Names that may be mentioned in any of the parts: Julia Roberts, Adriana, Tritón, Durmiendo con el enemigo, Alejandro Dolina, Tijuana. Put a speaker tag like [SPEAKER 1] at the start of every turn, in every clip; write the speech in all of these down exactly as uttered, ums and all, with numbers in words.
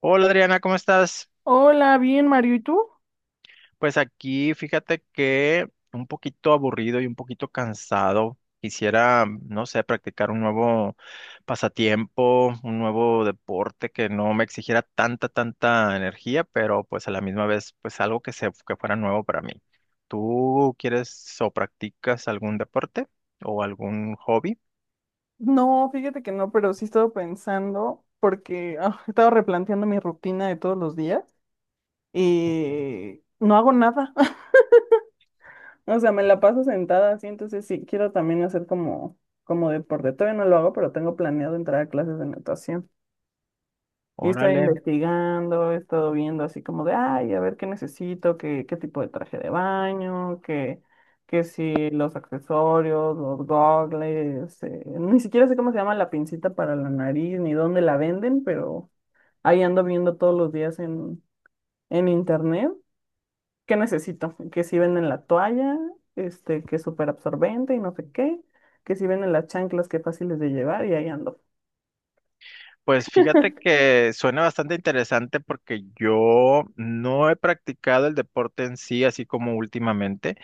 [SPEAKER 1] Hola Adriana, ¿cómo estás?
[SPEAKER 2] Hola, bien, Mario, ¿y tú?
[SPEAKER 1] Pues aquí fíjate que un poquito aburrido y un poquito cansado. Quisiera, no sé, practicar un nuevo pasatiempo, un nuevo deporte que no me exigiera tanta, tanta energía, pero pues a la misma vez, pues algo que se, que fuera nuevo para mí. ¿Tú quieres o practicas algún deporte o algún hobby?
[SPEAKER 2] No, fíjate que no, pero sí he estado pensando porque ah, he estado replanteando mi rutina de todos los días y no hago nada. O sea, me la paso sentada así, entonces sí, quiero también hacer como, como deporte. Todavía no lo hago, pero tengo planeado entrar a clases de natación. Y he estado
[SPEAKER 1] Órale.
[SPEAKER 2] investigando, he estado viendo así como de, ay, a ver qué necesito, qué, qué tipo de traje de baño, qué, qué si los accesorios, los gogles, eh, ni siquiera sé cómo se llama la pincita para la nariz, ni dónde la venden, pero ahí ando viendo todos los días en, en internet qué necesito, que si venden la toalla, este, que es súper absorbente y no sé qué, que si venden las chanclas que fáciles de llevar y ahí ando.
[SPEAKER 1] Pues fíjate que suena bastante interesante porque yo no he practicado el deporte en sí, así como últimamente.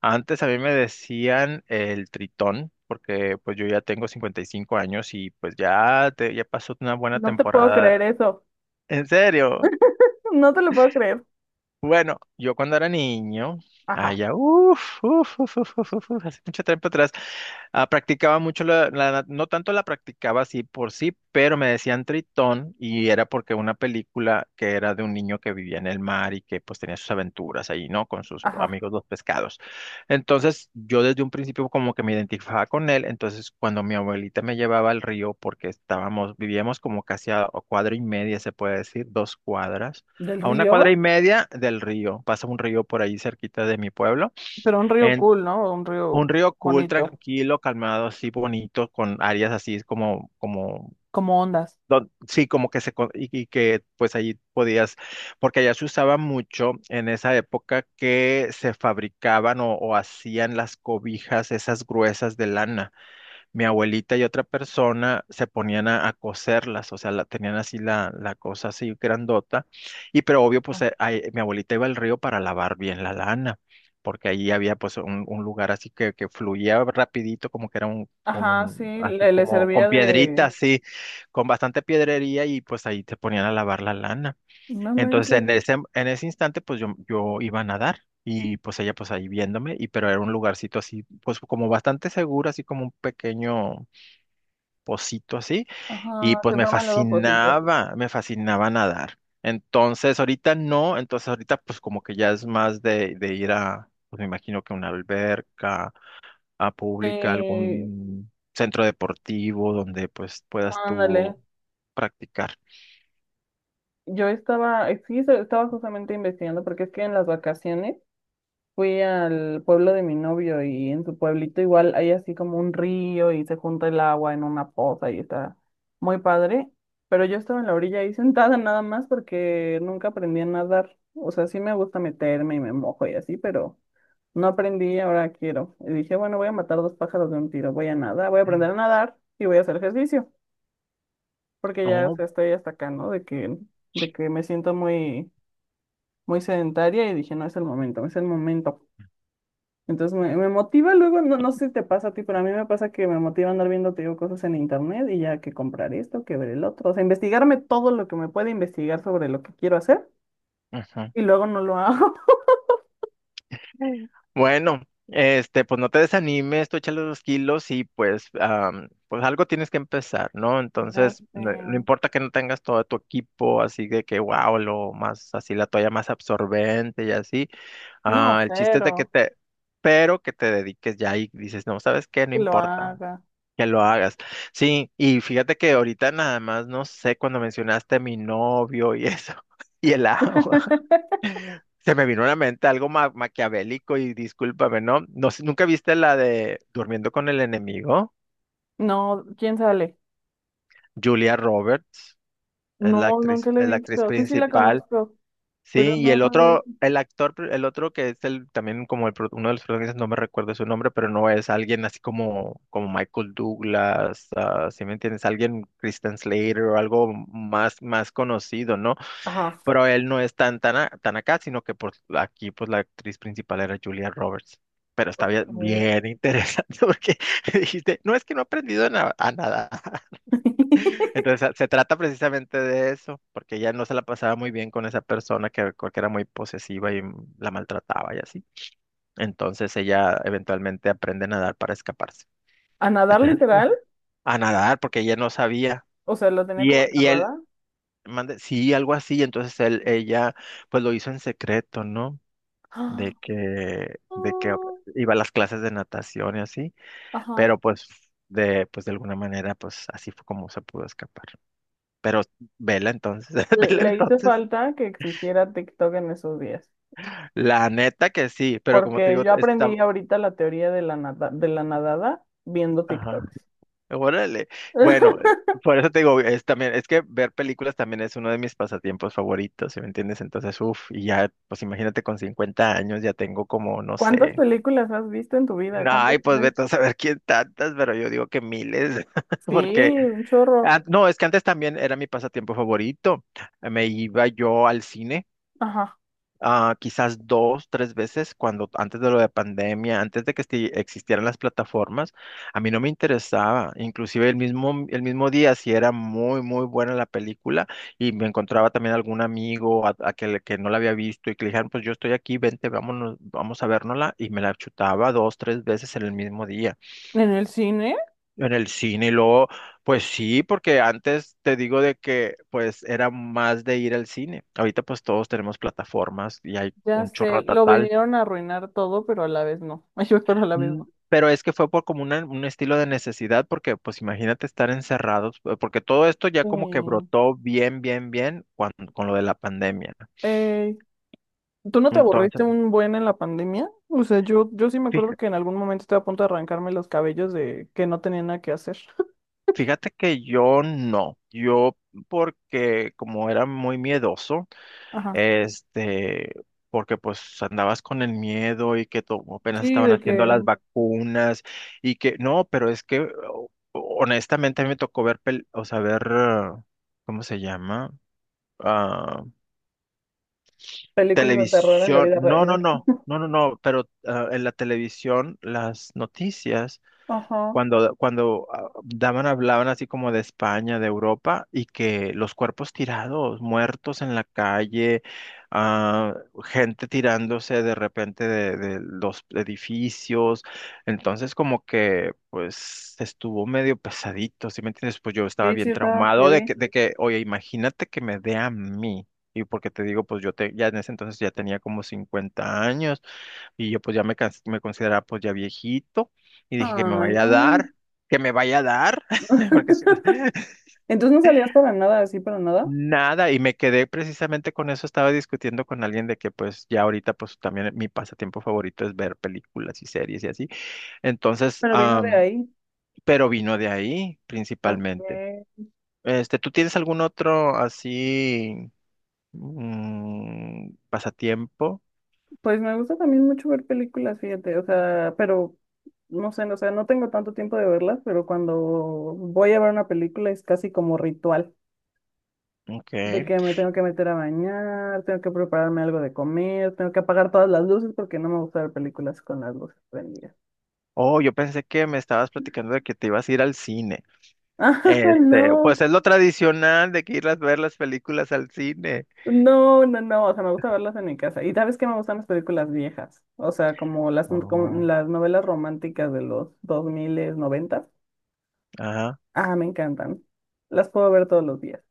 [SPEAKER 1] Antes a mí me decían el tritón, porque pues yo ya tengo cincuenta y cinco años y pues ya, te- ya pasó una buena
[SPEAKER 2] No te puedo
[SPEAKER 1] temporada.
[SPEAKER 2] creer eso,
[SPEAKER 1] En serio.
[SPEAKER 2] no te lo puedo creer.
[SPEAKER 1] Bueno, yo cuando era niño,
[SPEAKER 2] Ajá.
[SPEAKER 1] allá, uff, uff, uff, uff, uff, uff, uff, hace mucho tiempo atrás, ah, practicaba mucho la, la nat- no tanto la practicaba así por sí, pero me decían Tritón y era porque una película que era de un niño que vivía en el mar y que pues tenía sus aventuras ahí, ¿no? Con sus
[SPEAKER 2] Ajá.
[SPEAKER 1] amigos los pescados. Entonces, yo desde un principio como que me identificaba con él, entonces cuando mi abuelita me llevaba al río porque estábamos, vivíamos como casi a a cuadra y media, se puede decir, dos cuadras.
[SPEAKER 2] Del
[SPEAKER 1] A una cuadra y
[SPEAKER 2] río,
[SPEAKER 1] media del río, pasa un río por ahí cerquita de mi pueblo.
[SPEAKER 2] pero un río
[SPEAKER 1] En,
[SPEAKER 2] cool, ¿no? Un
[SPEAKER 1] un
[SPEAKER 2] río
[SPEAKER 1] río cool,
[SPEAKER 2] bonito,
[SPEAKER 1] tranquilo, calmado, así bonito, con áreas así como, como,
[SPEAKER 2] como ondas.
[SPEAKER 1] don- sí, como que se, co- y, y que pues allí podías, porque allá se usaba mucho en esa época que se fabricaban o, o hacían las cobijas esas gruesas de lana, mi abuelita y otra persona se ponían a, a coserlas, o sea, la, tenían así la, la cosa así grandota, y pero obvio, pues
[SPEAKER 2] Ah.
[SPEAKER 1] eh, ahí- mi abuelita iba al río para lavar bien la lana, porque ahí había pues un, un lugar así que, que fluía rapidito, como que era un, como
[SPEAKER 2] Ajá, sí,
[SPEAKER 1] un- así
[SPEAKER 2] le, le
[SPEAKER 1] como con
[SPEAKER 2] servía de.
[SPEAKER 1] piedritas así, con bastante piedrería, y pues ahí te ponían a lavar la lana.
[SPEAKER 2] No
[SPEAKER 1] Entonces
[SPEAKER 2] manches.
[SPEAKER 1] en ese, en ese instante pues yo, yo iba a nadar y pues ella pues ahí viéndome, y pero era un lugarcito así pues como bastante seguro, así como un pequeño pocito así, y
[SPEAKER 2] Ajá,
[SPEAKER 1] pues
[SPEAKER 2] se
[SPEAKER 1] me
[SPEAKER 2] forman luego pocitos.
[SPEAKER 1] fascinaba, me fascinaba nadar. Entonces ahorita no, entonces ahorita pues como que ya es más de, de ir a, pues me imagino que una alberca, a pública,
[SPEAKER 2] Sí,
[SPEAKER 1] algún centro deportivo donde pues puedas tú
[SPEAKER 2] ándale.
[SPEAKER 1] practicar.
[SPEAKER 2] Yo estaba, sí, so- estaba justamente investigando porque es que en las vacaciones fui al pueblo de mi novio y en su pueblito igual hay así como un río y se junta el agua en una poza y está muy padre. Pero yo estaba en la orilla ahí sentada nada más porque nunca aprendí a nadar. O sea, sí me gusta meterme y me mojo y así, pero no aprendí, ahora quiero. Y dije, bueno, voy a matar dos pájaros de un tiro, voy a nadar, voy a aprender a nadar y voy a hacer ejercicio, porque ya o
[SPEAKER 1] No,
[SPEAKER 2] sea, estoy hasta acá, ¿no? De que, de que me siento muy, muy sedentaria y dije, no es el momento, es el momento. Entonces me, me motiva luego, no, no sé si te pasa a ti, pero a mí me pasa que me motiva andar viendo, te digo, cosas en internet y ya que comprar esto, que ver el otro, o sea, investigarme todo lo que me puede investigar sobre lo que quiero hacer
[SPEAKER 1] ujú.
[SPEAKER 2] y luego no lo hago.
[SPEAKER 1] Bueno, este, pues no te desanimes, tú échale los kilos y pues, am, pues algo tienes que empezar, ¿no?
[SPEAKER 2] Ya
[SPEAKER 1] Entonces,
[SPEAKER 2] sé.
[SPEAKER 1] no, no importa que no tengas todo tu equipo así de que, wow, lo más, así la toalla más absorbente y así. Ah,
[SPEAKER 2] No,
[SPEAKER 1] el chiste es de que
[SPEAKER 2] cero,
[SPEAKER 1] te, pero que te dediques ya y dices, no, ¿sabes qué? No
[SPEAKER 2] que lo
[SPEAKER 1] importa.
[SPEAKER 2] haga.
[SPEAKER 1] Que lo hagas. Sí, y fíjate que ahorita nada más, no sé, cuando mencionaste a mi novio y eso, y el agua. Se me vino a la mente algo ma- maquiavélico y discúlpame, ¿no? No sé, ¿nunca viste la de Durmiendo con el enemigo?
[SPEAKER 2] No, ¿quién sale?
[SPEAKER 1] Julia Roberts es la
[SPEAKER 2] No,
[SPEAKER 1] actriz,
[SPEAKER 2] nunca lo he
[SPEAKER 1] es la actriz
[SPEAKER 2] visto. Sí, sí la
[SPEAKER 1] principal.
[SPEAKER 2] conozco, pero
[SPEAKER 1] Sí, y
[SPEAKER 2] no,
[SPEAKER 1] el
[SPEAKER 2] no la he
[SPEAKER 1] otro,
[SPEAKER 2] visto.
[SPEAKER 1] el actor, pr- el otro que es el también como el pro- uno de los protagonistas, no me recuerdo su nombre, pero no es alguien así como, como Michael Douglas, ¿si me entiendes? Alguien Kristen Slater o algo más, más conocido, ¿no?
[SPEAKER 2] Ajá.
[SPEAKER 1] Pero él no es tan, tan, a- tan acá, sino que por aquí pues la actriz principal era Julia Roberts. Pero está bien,
[SPEAKER 2] Ok.
[SPEAKER 1] bien interesante porque dijiste, no es que no ha aprendido na- a nada. Entonces se trata precisamente de eso, porque ella no se la pasaba muy bien con esa persona que, que era muy posesiva y la maltrataba y así. Entonces ella eventualmente aprende a nadar para escaparse.
[SPEAKER 2] ¿A nadar
[SPEAKER 1] Entonces,
[SPEAKER 2] literal?
[SPEAKER 1] a nadar porque ella no sabía.
[SPEAKER 2] O sea, lo tenía
[SPEAKER 1] Y,
[SPEAKER 2] como
[SPEAKER 1] e- y él,
[SPEAKER 2] encerrada.
[SPEAKER 1] mande, sí, algo así. Entonces él, ella, pues lo hizo en secreto, ¿no? De
[SPEAKER 2] Ah,
[SPEAKER 1] que, de que
[SPEAKER 2] ah,
[SPEAKER 1] iba a las clases de natación y así,
[SPEAKER 2] ajá.
[SPEAKER 1] pero pues de, pues de alguna manera, pues así fue como se pudo escapar. Pero vela entonces, vela
[SPEAKER 2] Le hizo
[SPEAKER 1] entonces.
[SPEAKER 2] falta que existiera TikTok en esos días,
[SPEAKER 1] La neta que sí, pero como te
[SPEAKER 2] porque
[SPEAKER 1] digo,
[SPEAKER 2] yo
[SPEAKER 1] está,
[SPEAKER 2] aprendí ahorita la teoría de la nada- de la nadada viendo
[SPEAKER 1] ajá,
[SPEAKER 2] TikToks.
[SPEAKER 1] órale. Bueno, por eso te digo, es también, es que ver películas también es uno de mis pasatiempos favoritos, ¿sí me entiendes? Entonces, uff, y ya, pues imagínate con cincuenta años ya tengo como, no
[SPEAKER 2] ¿Cuántas
[SPEAKER 1] sé.
[SPEAKER 2] películas has visto en tu vida? ¿Cuántas
[SPEAKER 1] Ay, pues
[SPEAKER 2] crees?
[SPEAKER 1] vete a saber quién tantas, pero yo digo que miles,
[SPEAKER 2] Sí,
[SPEAKER 1] porque
[SPEAKER 2] un chorro.
[SPEAKER 1] ah, no, es que antes también era mi pasatiempo favorito. Eh, Me iba yo al cine,
[SPEAKER 2] Ajá.
[SPEAKER 1] ah, quizás dos, tres veces, cuando antes de lo de pandemia, antes de que esti- existieran las plataformas, a mí no me interesaba. Inclusive el mismo, el mismo día, si era muy, muy buena la película, y me encontraba también algún amigo a, a que, le- que no la había visto, y que le dijeron, pues yo estoy aquí, vente, vámonos, vamos a vernosla, y me la chutaba dos, tres veces en el mismo día.
[SPEAKER 2] ¿En el cine?
[SPEAKER 1] En el cine, y luego, pues sí, porque antes te digo de que pues era más de ir al cine. Ahorita pues todos tenemos plataformas y hay
[SPEAKER 2] Ya
[SPEAKER 1] un
[SPEAKER 2] sé,
[SPEAKER 1] chorro
[SPEAKER 2] lo
[SPEAKER 1] total.
[SPEAKER 2] vinieron a arruinar todo, pero a la vez no. Ay, pero a la vez
[SPEAKER 1] Mm.
[SPEAKER 2] no.
[SPEAKER 1] Pero es que fue por como una- un estilo de necesidad, porque pues imagínate estar encerrados, eh, porque todo esto ya
[SPEAKER 2] Sí.
[SPEAKER 1] como que brotó bien, bien, bien cuando, con lo de la pandemia.
[SPEAKER 2] Eh, ¿tú no te
[SPEAKER 1] Entonces,
[SPEAKER 2] aburriste un buen en la pandemia? O sea, yo, yo sí me acuerdo
[SPEAKER 1] fija-
[SPEAKER 2] que en algún momento estaba a punto de arrancarme los cabellos de que no tenía nada que hacer.
[SPEAKER 1] fíjate que yo no, yo porque como era muy miedoso.
[SPEAKER 2] Ajá.
[SPEAKER 1] Este, porque pues andabas con el miedo y que to- apenas
[SPEAKER 2] Sí,
[SPEAKER 1] estaban
[SPEAKER 2] de que
[SPEAKER 1] haciendo las vacunas y que no, pero es que o- honestamente a mí me tocó ver, pel- o sea, ver, ah, ¿cómo se llama? Ah,
[SPEAKER 2] películas de terror en la
[SPEAKER 1] Televisión.
[SPEAKER 2] vida
[SPEAKER 1] No, no,
[SPEAKER 2] real.
[SPEAKER 1] no, no, no, no, pero ah, en la televisión las noticias
[SPEAKER 2] Ajá.
[SPEAKER 1] cuando, cuando ah, daban, hablaban así como de España, de Europa, y que los cuerpos tirados, muertos en la calle, ah, gente tirándose de repente de, de los edificios, entonces como que pues estuvo medio pesadito, ¿sí me entiendes? Pues yo estaba
[SPEAKER 2] Sí, sí,
[SPEAKER 1] bien
[SPEAKER 2] está
[SPEAKER 1] traumado de
[SPEAKER 2] heavy.
[SPEAKER 1] que, de que, oye, imagínate que me dé a mí. Y porque te digo, pues yo te, ya en ese entonces ya tenía como cincuenta años. Y yo pues ya me, cons- me consideraba pues ya viejito y dije que me
[SPEAKER 2] Ay,
[SPEAKER 1] vaya a
[SPEAKER 2] no.
[SPEAKER 1] dar, que me vaya a dar, porque es-
[SPEAKER 2] Entonces no salías para nada, así para nada,
[SPEAKER 1] nada, y me quedé precisamente con eso, estaba discutiendo con alguien de que pues ya ahorita pues también mi pasatiempo favorito es ver películas y series y así. Entonces,
[SPEAKER 2] pero vino de
[SPEAKER 1] am,
[SPEAKER 2] ahí.
[SPEAKER 1] pero vino de ahí
[SPEAKER 2] Ok.
[SPEAKER 1] principalmente. Este, ¿tú tienes algún otro así, mm, pasatiempo?
[SPEAKER 2] Pues me gusta también mucho ver películas, fíjate, o sea, pero no sé, no, o sea, no tengo tanto tiempo de verlas, pero cuando voy a ver una película es casi como ritual,
[SPEAKER 1] Ok.
[SPEAKER 2] de que me tengo que meter a bañar, tengo que prepararme algo de comer, tengo que apagar todas las luces porque no me gusta ver películas con las luces prendidas.
[SPEAKER 1] Oh, yo pensé que me estabas platicando de que te ibas a ir al cine.
[SPEAKER 2] ¡Ay,
[SPEAKER 1] Este,
[SPEAKER 2] no!
[SPEAKER 1] pues es lo tradicional de que ir a ver las películas al cine.
[SPEAKER 2] No, no, no, o sea, me gusta verlas en mi casa. Y sabes que me gustan las películas viejas, o sea, como las, n- como
[SPEAKER 1] Oh.
[SPEAKER 2] las novelas románticas de los dos mil noventa.
[SPEAKER 1] Ajá.
[SPEAKER 2] Ah, me encantan. Las puedo ver todos los días.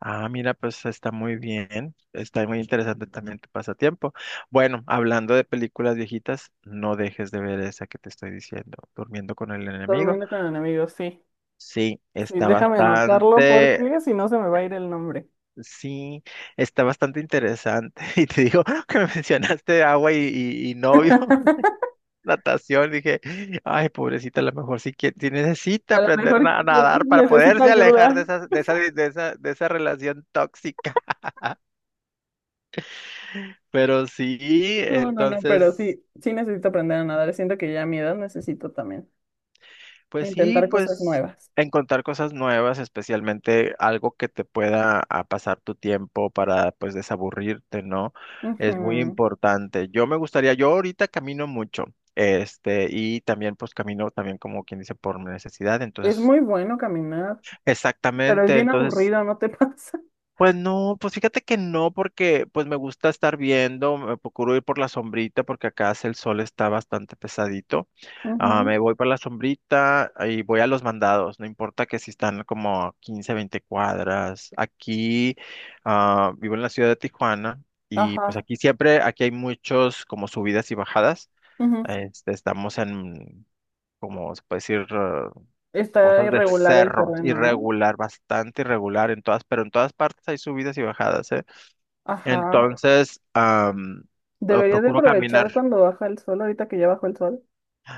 [SPEAKER 1] Ah, mira, pues está muy bien. Está muy interesante también tu pasatiempo. Bueno, hablando de películas viejitas, no dejes de ver esa que te estoy diciendo, Durmiendo con el enemigo.
[SPEAKER 2] Durmiendo con enemigos, sí.
[SPEAKER 1] Sí,
[SPEAKER 2] Sí,
[SPEAKER 1] está
[SPEAKER 2] déjame anotarlo
[SPEAKER 1] bastante,
[SPEAKER 2] porque si no se me va a ir el nombre.
[SPEAKER 1] sí, está bastante interesante. Y te digo que me mencionaste agua y, y- y novio. Natación. Dije, ay, pobrecita, a lo mejor sí, que, sí necesita
[SPEAKER 2] A lo
[SPEAKER 1] aprender
[SPEAKER 2] mejor
[SPEAKER 1] na- a nadar para
[SPEAKER 2] necesita
[SPEAKER 1] poderse alejar
[SPEAKER 2] ayuda.
[SPEAKER 1] de esa, de esa, de esa, de esa relación tóxica. Pero sí,
[SPEAKER 2] No, no, no, pero
[SPEAKER 1] entonces,
[SPEAKER 2] sí, sí necesito aprender a nadar. Siento que ya a mi edad necesito también
[SPEAKER 1] pues sí,
[SPEAKER 2] intentar cosas
[SPEAKER 1] pues
[SPEAKER 2] nuevas.
[SPEAKER 1] encontrar cosas nuevas, especialmente algo que te pueda a pasar tu tiempo para pues desaburrirte, ¿no? Es muy
[SPEAKER 2] Ujú.
[SPEAKER 1] importante. Yo me gustaría, yo ahorita camino mucho. Este, y también pues camino también como quien dice por necesidad,
[SPEAKER 2] Es
[SPEAKER 1] entonces,
[SPEAKER 2] muy bueno caminar. Pero es
[SPEAKER 1] exactamente,
[SPEAKER 2] bien
[SPEAKER 1] entonces,
[SPEAKER 2] aburrido, ¿no te pasa?
[SPEAKER 1] pues no, pues fíjate que no, porque pues me gusta estar viendo, me procuro ir por la sombrita porque acá hace el sol está bastante pesadito. Ah,
[SPEAKER 2] Ujú.
[SPEAKER 1] me voy por la sombrita y voy a los mandados, no importa que si están como a quince, veinte cuadras. Aquí ah, vivo en la ciudad de Tijuana y pues
[SPEAKER 2] Ajá.
[SPEAKER 1] aquí siempre, aquí hay muchos como subidas y bajadas.
[SPEAKER 2] Ujú.
[SPEAKER 1] Este, estamos en, como se puede decir, eh,
[SPEAKER 2] Está
[SPEAKER 1] cosas de
[SPEAKER 2] irregular el
[SPEAKER 1] cerros,
[SPEAKER 2] terreno, ¿no?
[SPEAKER 1] irregular, bastante irregular en todas, pero en todas partes hay subidas y bajadas, ¿eh?
[SPEAKER 2] Ajá.
[SPEAKER 1] Entonces, am, eh,
[SPEAKER 2] Deberías de
[SPEAKER 1] procuro caminar.
[SPEAKER 2] aprovechar cuando baja el sol, ahorita que ya bajó el sol.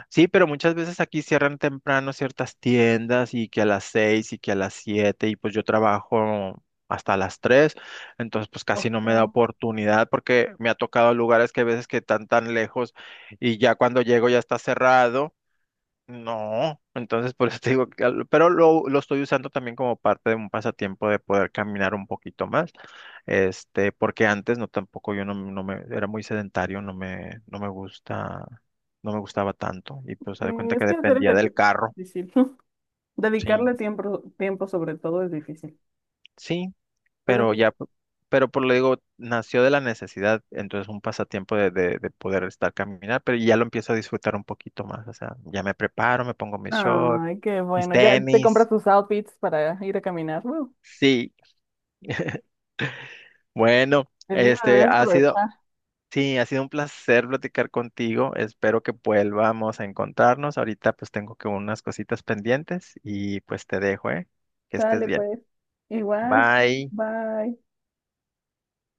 [SPEAKER 1] Sí, pero muchas veces aquí cierran temprano ciertas tiendas y que a las seis y que a las siete y pues yo trabajo hasta las tres, entonces pues casi no
[SPEAKER 2] Ok.
[SPEAKER 1] me da oportunidad porque me ha tocado lugares que a veces que están tan lejos y ya cuando llego ya está cerrado. No, entonces por eso te digo, que al- pero lo, lo estoy usando también como parte de un pasatiempo de poder caminar un poquito más, este, porque antes no tampoco yo no, no me, era muy sedentario, no me, no me gusta, no me gustaba tanto, y pues se
[SPEAKER 2] Sí,
[SPEAKER 1] da cuenta
[SPEAKER 2] es
[SPEAKER 1] que
[SPEAKER 2] que hacer
[SPEAKER 1] dependía del
[SPEAKER 2] ejercicio
[SPEAKER 1] carro,
[SPEAKER 2] es difícil.
[SPEAKER 1] sí,
[SPEAKER 2] Dedicarle tiempo, tiempo sobre todo es difícil.
[SPEAKER 1] sí,
[SPEAKER 2] Pero
[SPEAKER 1] pero
[SPEAKER 2] sí.
[SPEAKER 1] ya, p- pero por lo digo, nació de la necesidad, entonces un pasatiempo de, de, de poder estar caminar, pero ya lo empiezo a disfrutar un poquito más, o sea, ya me preparo, me pongo mis shorts,
[SPEAKER 2] Ay, qué
[SPEAKER 1] mis
[SPEAKER 2] bueno. Ya te compras
[SPEAKER 1] tenis,
[SPEAKER 2] tus outfits para ir a caminar. Woo.
[SPEAKER 1] sí. Bueno,
[SPEAKER 2] Te digo,
[SPEAKER 1] este
[SPEAKER 2] deberías
[SPEAKER 1] ha sido,
[SPEAKER 2] aprovechar.
[SPEAKER 1] sí, ha sido un placer platicar contigo. Espero que vuelvamos a encontrarnos. Ahorita pues tengo que unas cositas pendientes y pues te dejo, ¿eh? Que estés
[SPEAKER 2] Sale
[SPEAKER 1] bien.
[SPEAKER 2] pues. Igual.
[SPEAKER 1] Bye.
[SPEAKER 2] Bye.